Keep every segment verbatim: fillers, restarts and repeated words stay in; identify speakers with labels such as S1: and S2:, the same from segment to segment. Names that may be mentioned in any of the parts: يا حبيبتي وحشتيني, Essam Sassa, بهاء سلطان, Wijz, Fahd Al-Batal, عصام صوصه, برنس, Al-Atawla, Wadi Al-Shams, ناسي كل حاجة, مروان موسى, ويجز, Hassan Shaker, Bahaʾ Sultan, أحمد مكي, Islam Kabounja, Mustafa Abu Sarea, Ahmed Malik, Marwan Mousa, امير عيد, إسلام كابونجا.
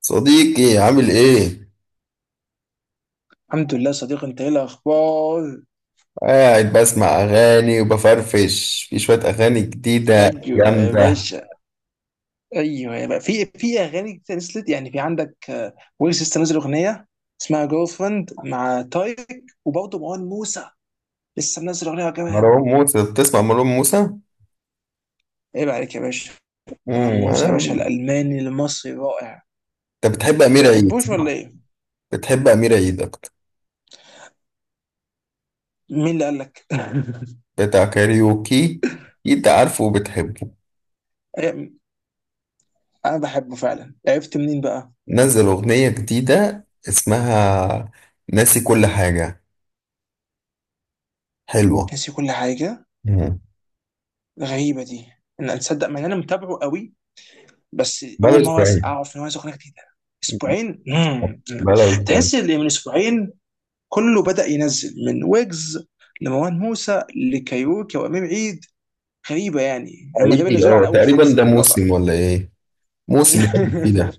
S1: صديقي عامل ايه؟
S2: الحمد لله. صديق، انت ايه الاخبار؟
S1: قاعد بسمع اغاني وبفرفش في شوية اغاني جديدة
S2: ايوه يا
S1: جامدة.
S2: باشا. ايوه يا باشا، في في اغاني كتير نزلت، يعني في عندك. آه، ويجز لسه نازل اغنيه اسمها جيرل فريند مع تايك. وبرضه مروان موسى لسه منزل اغنيه كمان.
S1: مروان موسى، بتسمع مروان موسى؟
S2: عيب عليك يا باشا، مروان
S1: امم
S2: موسى يا باشا
S1: انا.
S2: الالماني المصري رائع.
S1: انت بتحب امير عيد
S2: تحبوش ولا
S1: صح؟
S2: ايه؟
S1: بتحب امير عيد اكتر،
S2: مين اللي قال لك؟
S1: بتاع كاريوكي، اكيد عارفه وبتحبه.
S2: ايه، انا بحبه فعلا، عرفت منين بقى؟
S1: نزل اغنية جديدة اسمها ناسي كل حاجة، حلوة.
S2: ناسي كل حاجه.
S1: مم.
S2: غريبه دي، ان انا تصدق مع ان انا متابعه قوي، بس
S1: بلا
S2: اول مره أس-
S1: اسبوعين،
S2: اعرف ان هو ينزل اغنيه جديده. اسبوعين. مم.
S1: بلا اسبوعين.
S2: تحس ان من اسبوعين كله بدا ينزل، من ويجز لمروان موسى لكايروكي وامير عيد. غريبه، يعني هم تقريبا
S1: حقيقي
S2: نزلوا
S1: اه،
S2: على اول
S1: تقريبا
S2: خمسه
S1: ده
S2: اللي وافق.
S1: موسم ولا ايه؟ موسم بتاع فيه ده.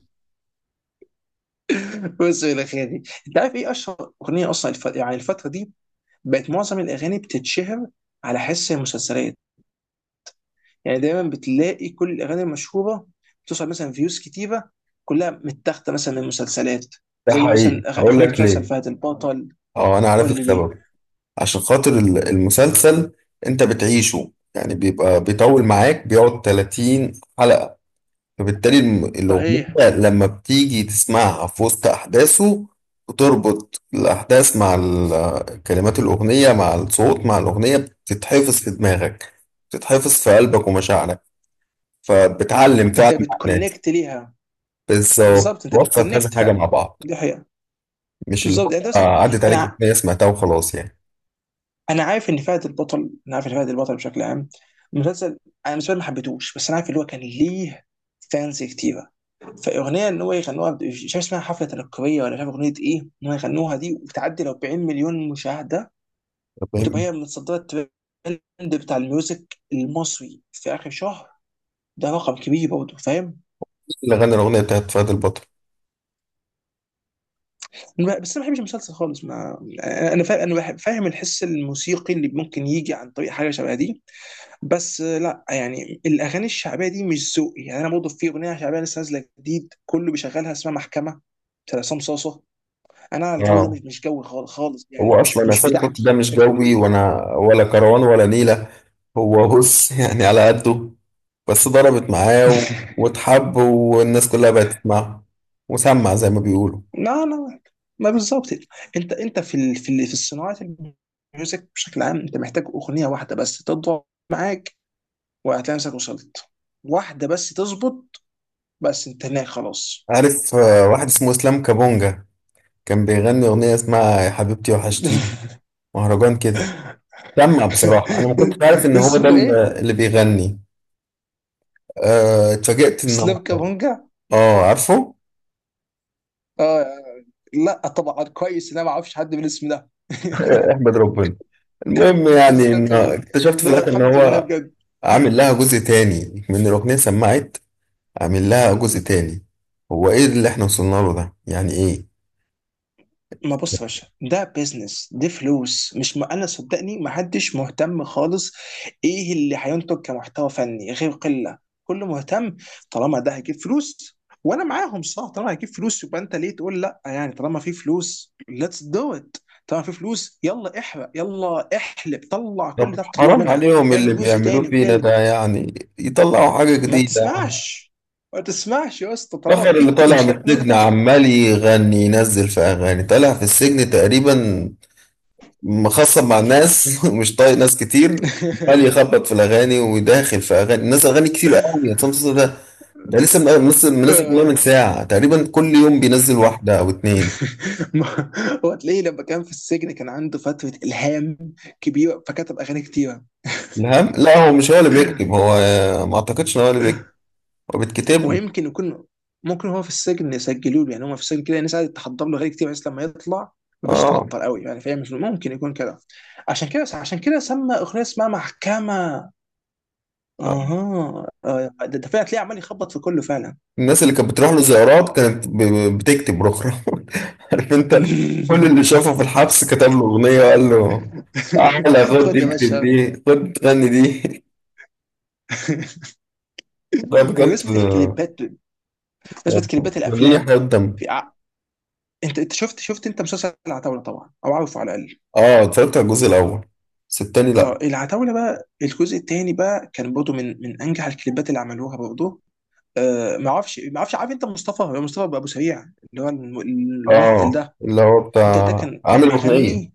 S2: بص الى خيري، انت عارف ايه اشهر اغنيه اصلا؟ الف... يعني الفتره دي بقت معظم الاغاني بتتشهر على حس المسلسلات. يعني دايما بتلاقي كل الاغاني المشهوره بتوصل مثلا فيوز كتيره، كلها متاخده مثلا من مسلسلات،
S1: ده
S2: زي مثلا
S1: حقيقي
S2: أغ-
S1: هقول
S2: اغنيه
S1: لك
S2: مسلسل
S1: ليه،
S2: فهد البطل.
S1: اه انا عارف
S2: قول لي ليه.
S1: السبب. عشان خاطر ال- المسلسل، انت بتعيشه يعني، بيبقى بيطول معاك، بيقعد ثلاثين حلقة، فبالتالي الم- الأغنية
S2: صحيح.
S1: لما بتيجي تسمعها في وسط أحداثه، بتربط الأحداث مع ال- كلمات الأغنية مع الصوت مع الأغنية، بتتحفظ في دماغك، بتتحفظ في قلبك ومشاعرك، فبتعلم فعلا
S2: انت
S1: مع الناس.
S2: بتكونكت ليها.
S1: بس
S2: بالظبط، انت
S1: هو بتوصل كذا
S2: بتكونكت
S1: حاجة مع
S2: فعلا.
S1: بعض،
S2: دي حقيقه.
S1: مش اللي
S2: بالظبط،
S1: هو
S2: يعني انت مثلا،
S1: عدت
S2: انا
S1: عليك
S2: ع-
S1: أغنية سمعتها وخلاص يعني.
S2: انا عارف ان فهد البطل، انا عارف ان فهد البطل بشكل عام المسلسل. انا بالنسبه لي ما حبيتهوش، بس انا عارف اللي هو كان ليه فانز كتيره. فاغنيه ان هو يغنوها، مش عارف اسمها حفله تنكريه ولا مش عارف اغنيه ايه، ان هو يغنوها دي وتعدي ال أربعين مليون مشاهده وتبقى
S1: فاهم
S2: هي من صدرات الترند بتاع الميوزك المصري في اخر شهر، ده رقم كبير برضه، فاهم.
S1: اللي غنى الأغنية بتاعت فهد البطل؟
S2: بس انا ما بحبش المسلسل خالص. ما انا أنا فاهم، انا بحب- فاهم الحس الموسيقي اللي ممكن يجي عن طريق حاجه شبه دي. بس آه، لا، يعني الاغاني الشعبيه دي مش ذوقي. يعني انا برضه في اغنيه شعبيه لسه نازله جديد كله بيشغلها اسمها محكمه بتاع عصام صاصه. انا الجو ده
S1: اه.
S2: مش مش جوي خالص خالص، يعني
S1: هو
S2: مش
S1: أصلا
S2: مش
S1: حسين حط ده
S2: بتاعتي.
S1: مش
S2: انت بتحب
S1: جوي،
S2: ايه؟
S1: وأنا ولا كروان ولا نيلة. هو بص، يعني على قده، بس ضربت معاه و- واتحب، والناس كلها بقت تسمعه وسمع زي ما بيقولوا.
S2: لا لا، ما بالظبط. انت انت في ال... في ال... في الصناعه الميوزك بشكل عام، انت محتاج اغنيه واحده بس تضرب معاك وهتلاقي نفسك وصلت. واحده بس تظبط، بس انت هناك خلاص.
S1: عارف آه، واحد اسمه إسلام كابونجا، كان بيغني أغنية اسمها يا حبيبتي وحشتيني، مهرجان كده. سمع، بصراحة أنا ما كنتش عارف إن هو ده
S2: اسمه ايه؟
S1: اللي اللي بيغني. آه، اتفاجئت إن هو.
S2: اسلام كابونجا؟
S1: آه عارفه.
S2: اه. لا، طبعا كويس ان انا ما اعرفش حد بالاسم ده.
S1: احمد ربنا. المهم يعني،
S2: اسلام
S1: ان
S2: كابونجا،
S1: اكتشفت في
S2: ده هو
S1: الاخر ان
S2: الحمد لله
S1: هو
S2: بجد.
S1: عامل لها جزء تاني من الاغنيه، سمعت؟ عامل لها جزء تاني. هو ايه اللي احنا وصلنا له ده يعني ايه؟
S2: ما بص يا باشا، ده بيزنس، دي فلوس، مش ما انا صدقني ما حدش مهتم خالص. ايه اللي هينتج كمحتوى فني غير قله؟ كله مهتم طالما ده هيجيب فلوس. وانا معاهم، صح؟ طالما هيجيب فلوس يبقى انت ليه تقول لا؟ يعني طالما في فلوس، ليتس دو ات. طالما في فلوس، يلا احرق، يلا احلب، طلع كل
S1: طب
S2: ده، تطلع
S1: حرام
S2: منها،
S1: عليهم اللي
S2: اعمل جزء
S1: بيعملوه
S2: تاني
S1: فينا ده
S2: وتالت.
S1: يعني، يطلعوا حاجه
S2: ما
S1: جديده.
S2: تسمعش، ما تسمعش يا اسطى،
S1: فخر
S2: طالما
S1: اللي
S2: في في
S1: طالع من
S2: مشكله، انا
S1: السجن
S2: وانت مثلا.
S1: عمال يغني، ينزل في اغاني، طالع في السجن تقريبا مخصب مع الناس ومش طايق ناس كتير. عمال يخبط في الاغاني وداخل في اغاني الناس، اغاني كتير قوي. يا عصام صوصه ده، ده لسه من- منزل منزل أغنية من ساعه تقريبا، كل يوم بينزل واحده او اتنين.
S2: ما- هو تلاقيه لما كان في السجن كان عنده فترة إلهام كبيرة، فكتب أغاني كتيرة.
S1: الهم، لا هو مش هو اللي بيكتب، هو آه، ما اعتقدش ان هو اللي بيكتب، هو بيتكتب
S2: هو
S1: له.
S2: يمكن يكون، ممكن هو في السجن يسجلوا له، يعني هو في السجن كده الناس قاعدة تحضر له أغاني كتير، بس لما يطلع ما يبقاش
S1: اه.
S2: تعطل قوي، يعني فهي مش ممكن يكون كده. عشان كده عشان كده سمى أغنية اسمها محكمة.
S1: آه.
S2: اها، آه، ده ده فعلا تلاقيه عمال يخبط في كله فعلا.
S1: الناس اللي كانت بتروح له زيارات كانت ب- بتكتب رخرة. عارف انت، كل اللي شافه في الحبس كتب له اغنيه وقال له تعالى خد
S2: خد يا باشا.
S1: اكتب دي، خد غني دي. ده بجد.
S2: بمناسبة الكليبات، بمناسبة كليبات
S1: قولي لي
S2: الأفلام.
S1: حاجات دم.
S2: في، انت انت شفت شفت انت مسلسل العتاوله طبعا او عارفه على الاقل؟
S1: اه اتفرجت على الجزء الاول، بس التاني
S2: اه،
S1: لا.
S2: العتاوله بقى، الجزء الثاني بقى كان برضه من من انجح الكليبات اللي عملوها برضه. آه، ما اعرفش ما اعرفش. عارف انت مصطفى مصطفى ابو سريع اللي هو الم- الممثل
S1: اه
S2: ده؟
S1: اللي هو
S2: ده, ده
S1: بتاع،
S2: كان كان
S1: عامل اغنيه،
S2: بيغني.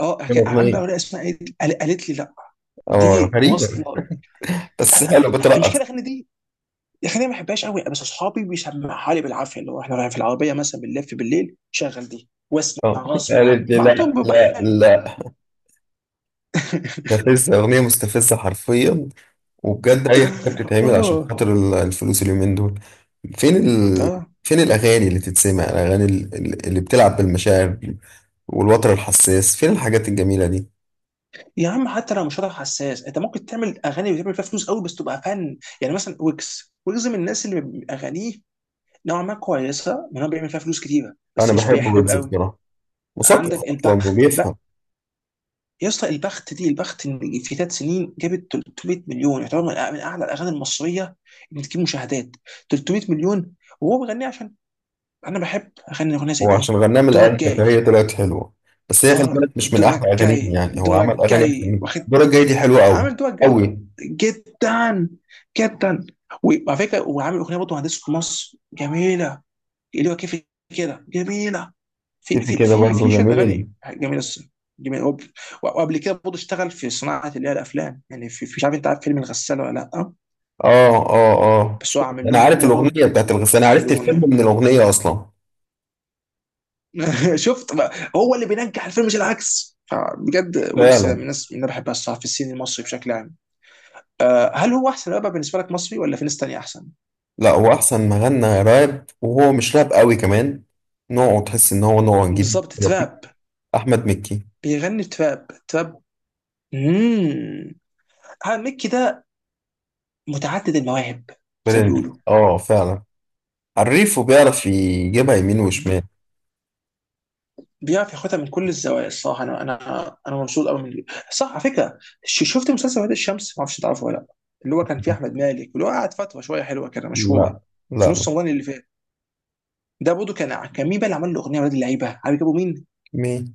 S2: اه
S1: عامل
S2: كان عم بقى
S1: اغنيه.
S2: ولا اسمها ايه دي؟ قال- قالت لي لا.
S1: اه
S2: دي واصله.
S1: غريبة،
S2: آه،
S1: بس
S2: آه،
S1: حلو بترقص.
S2: المشكله الاغاني دي. الاغاني ما بحبهاش قوي، بس اصحابي بيسمعها لي بالعافيه، اللي هو احنا رايحين في العربيه مثلا، بنلف بالليل شغل دي واسمع
S1: اه
S2: غصب عني،
S1: قالت لي
S2: بعضهم
S1: لا
S2: بيبقى
S1: لا
S2: حلو.
S1: لا، مستفزة، اغنية مستفزة حرفيا. وبجد اي حاجة بتتعمل عشان
S2: اه،
S1: خاطر ال- الفلوس اليومين دول. فين ال...
S2: اه
S1: فين الاغاني اللي تتسمع، الاغاني ال- ال- اللي بتلعب بالمشاعر والوتر الحساس، فين الحاجات الجميلة دي.
S2: يا عم، حتى لو مش هتعرف حساس، انت ممكن تعمل اغاني بتعمل فيها فلوس قوي بس تبقى فن. يعني مثلا ويجز، ويجز من الناس اللي بيبقى اغانيه نوعا ما كويسه، من هو بيعمل فيها فلوس كتيره
S1: انا
S2: بس مش
S1: بحب
S2: بيحلب
S1: ويجز
S2: قوي.
S1: بصراحة، مثقف
S2: عندك
S1: اصلا
S2: البخت، البخت
S1: وبيفهم.
S2: يا اسطى. البخت دي البخت إن في ثلاث سنين جابت ثلاث مية مليون، يعتبر من أع- من اعلى الاغاني المصريه اللي بتجيب مشاهدات ثلاثمئة مليون. وهو بيغنيها، عشان انا بحب اغني اغنيه زي
S1: هو عشان
S2: دي.
S1: غنام
S2: دورك
S1: الآلة.
S2: جاي.
S1: هي طلعت حلوة، بس هي خلي
S2: اه،
S1: بالك مش من أحلى
S2: دورك
S1: أغانيه،
S2: جاي،
S1: يعني هو عمل
S2: دورك
S1: أغاني أحسن
S2: جاي،
S1: منه.
S2: واخد،
S1: الدورة الجاية دي حلوة
S2: عامل
S1: أوي،
S2: الدول الجايه.
S1: أوي.
S2: جدا جدا. وعلى فكره، وعامل اغنيه برضه مهندس في مصر جميله، اللي هو كيف، كده جميله. في
S1: كيفي
S2: في
S1: كده
S2: في
S1: برضه
S2: في شويه
S1: جميل.
S2: اغاني جميله الصراحه، جميله. وب- وقبل كده برضه اشتغل في صناعه اللي هي الافلام، يعني في في- مش عارف انت عارف فيلم الغساله ولا لا؟
S1: آه آه آه
S2: بس هو
S1: شوف،
S2: عامل
S1: أنا
S2: لهم
S1: عارف
S2: اغنيه برضه،
S1: الأغنية بتاعت الغ... أنا عرفت الفيلم
S2: الاغنيه.
S1: من الأغنية أصلا.
S2: شفت بقى، هو اللي بينجح الفيلم مش العكس. فبجد ويجز
S1: فعلا.
S2: من الناس اللي انا بحبها الصراحه في السين المصري بشكل عام. آه، هل هو احسن رابر بالنسبه لك مصري، ولا في ناس تانية احسن؟
S1: لا هو أحسن ما غنى راب، وهو مش راب أوي كمان، نوعه تحس إن هو نوع جديد
S2: بالظبط،
S1: لطيف.
S2: تراب.
S1: أحمد مكي،
S2: بيغني تراب تراب. اممم هذا ميكي ده متعدد المواهب، زي ما
S1: برنس
S2: بيقولوا.
S1: آه فعلا، عريف وبيعرف يجيبها يمين
S2: ب-
S1: وشمال.
S2: بيعرف ياخدها من كل الزوايا الصراحه. انا انا انا مبسوط قوي من اللي- صح على فكره، ش- شفت مسلسل وادي الشمس؟ ما اعرفش تعرفه ولا لا، اللي هو كان فيه احمد مالك اللي هو قعد فتره شويه حلوه كده مشهوره
S1: لا
S2: في
S1: لا
S2: نص رمضان اللي فات. ده برضه كان، كان مين بقى اللي عمل له اغنيه ولاد اللعيبه؟ عارف جابوا مين؟
S1: مين؟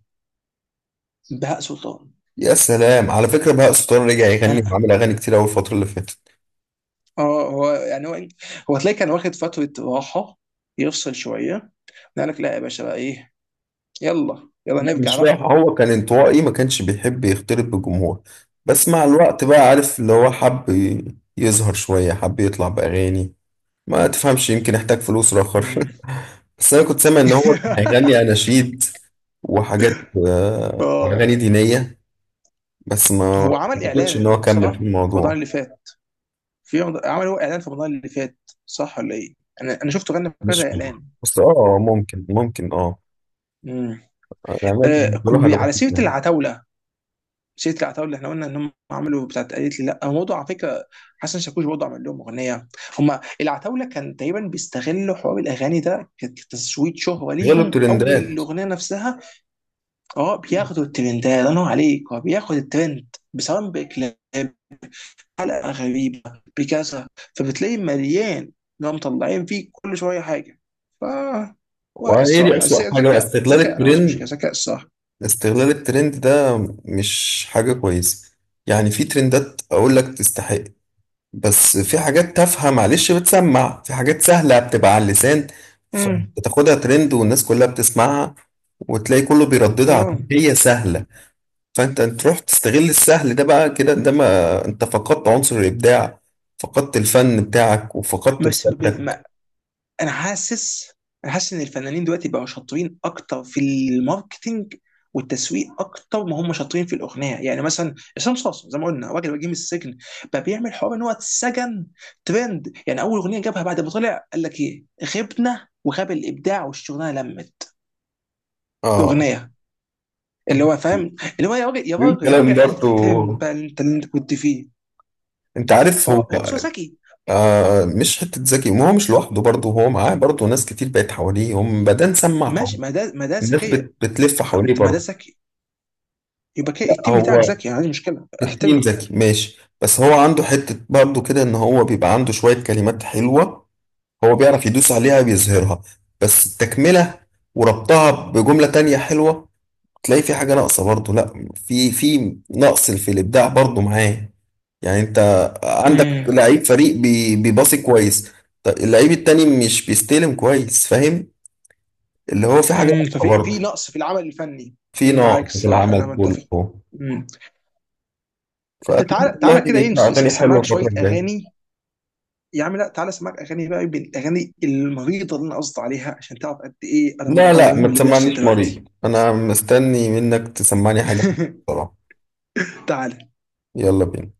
S2: بهاء سلطان.
S1: يا سلام، على فكرة بهاء سلطان رجع يغني
S2: انا،
S1: وعمل أغاني كتير أوي الفترة اللي فاتت.
S2: اه، هو يعني هو هو تلاقي كان واخد فتره راحه، يفصل شويه، قال لك لا يا باشا بقى، ايه، يلا يلا
S1: لا
S2: نرجع
S1: مش
S2: بقى.
S1: رايح، هو كان انطوائي ما كانش بيحب يختلط بالجمهور، بس مع الوقت بقى عارف اللي هو حب ي- يظهر شوية، حب يطلع بأغاني، ما تفهمش يمكن احتاج فلوس رخر.
S2: مم.
S1: بس أنا كنت سامع إن هو كان هيغني أناشيد وحاجات، آه،
S2: آه.
S1: وأغاني دينية. بس ما ما
S2: هو عمل
S1: أعتقدش إن
S2: اعلان
S1: هو كمل في
S2: صح في رمضان
S1: الموضوع.
S2: اللي فات؟ في رمضان... عمل هو اعلان في رمضان اللي فات صح ولا ايه؟ انا انا شفته غنى في
S1: مش
S2: كذا
S1: فاهم،
S2: اعلان.
S1: بس اه ممكن ممكن اه.
S2: مم.
S1: الأعمال
S2: آه
S1: بالنسبة له
S2: ب-
S1: حاجة
S2: على سيره
S1: بسيطة.
S2: العتاوله، سيره العتاوله اللي احنا قلنا ان هم عملوا بتاعت قالت لي لا، هو موضوع على فكره حسن شاكوش برضه عمل لهم اغنيه. هم العتاوله كان تقريبا بيستغلوا حوار الاغاني ده كتسويت شهره
S1: غير
S2: ليهم او
S1: الترندات.
S2: للاغنيه نفسها. اه بياخدوا الترند ده، الله ينور عليك، هو بياخد الترند بسواء بكلاب، حلقه غريبه، بكذا. فبتلاقي مليان اللي هم مطلعين فيه كل شويه حاجه. ف واقع
S1: وايه دي
S2: الصح، بس
S1: اسوأ حاجة بقى؟
S2: ذكاء،
S1: استغلال
S2: ذكاء، انا ما عنديش مشكله
S1: الترند.
S2: ذكاء الصح.
S1: استغلال الترند ده مش حاجة كويسة. يعني في ترندات اقول لك تستحق، بس في حاجات تافهة معلش، بتسمع في حاجات سهلة بتبقى على اللسان،
S2: امم
S1: فبتاخدها ترند والناس كلها بتسمعها، وتلاقي كله بيرددها
S2: اه،
S1: عشان هي سهلة، فانت تروح تستغل السهل ده، بقى كده ده ما انت فقدت عنصر الابداع، فقدت الفن بتاعك وفقدت
S2: بس
S1: رسالتك.
S2: انا حاسس انا حاسس ان الفنانين دلوقتي بقوا شاطرين اكتر في الماركتينج والتسويق اكتر ما هم شاطرين في الاغنيه. يعني مثلا عصام صاصا، زي ما قلنا راجل وجيه من السجن، بقى بيعمل حوار ان هو اتسجن، ترند. يعني اول اغنيه جابها بعد ما طلع قال لك ايه؟ غبنا وغاب الابداع والشغلانه لمت،
S1: اه.
S2: اغنيه. اللي هو فاهم اللي هو، يا راجل يا راجل يا راجل
S1: الكلام برضو،
S2: احترم بقى انت اللي انت كنت فيه.
S1: انت عارف
S2: فهو
S1: هو،
S2: هو بس هو
S1: أيوة.
S2: ذكي.
S1: آه مش حته ذكي، ما هو مش لوحده برضه، هو معاه برضه ناس كتير بقت حواليه، هم بدأ نسمع قوي.
S2: ماشي، ما ده ما ده
S1: الناس
S2: ذكيه.
S1: بت بتلف
S2: خ-
S1: حواليه
S2: ما ده
S1: برضه.
S2: ذكي، يبقى كده
S1: لا،
S2: التيم بتاعك
S1: هو
S2: ذكي، يعني عندي مشكله
S1: التيم
S2: احترمك.
S1: ذكي ماشي، بس هو عنده حته برضه كده ان هو بيبقى عنده شويه كلمات حلوه، هو بيعرف يدوس عليها بيظهرها، بس التكمله وربطها بجمله تانية حلوه، تلاقي في حاجه ناقصه برضه، لا في في نقص في الابداع برضه معاه. يعني انت عندك
S2: امم.
S1: لعيب فريق بي- بيباصي كويس، طب اللعيب التاني مش بيستلم كويس، فاهم؟ اللي هو في حاجة
S2: امم
S1: ناقصة
S2: ففي في
S1: برضه،
S2: نقص في العمل الفني.
S1: في
S2: مم،
S1: نقص
S2: معاك
S1: في
S2: الصراحه انا
S1: العمل
S2: متفق.
S1: كله.
S2: امم. انت،
S1: فأتمنى
S2: تعالى تعالى
S1: والله
S2: كده ايه،
S1: يطلع
S2: نس-
S1: أغاني حلوة
S2: اسمعك
S1: الفترة
S2: شويه
S1: الجاية.
S2: اغاني، يا عم لا، تعالى اسمعك اغاني بقى من الاغاني المريضه اللي انا قصدي عليها عشان تعرف قد ايه انا
S1: لا لا
S2: متضرر
S1: ما
S2: من اللي بيحصل
S1: تسمعنيش
S2: دلوقتي.
S1: مريض، أنا مستني منك تسمعني حاجة بصراحة.
S2: تعالى.
S1: يلا بينا.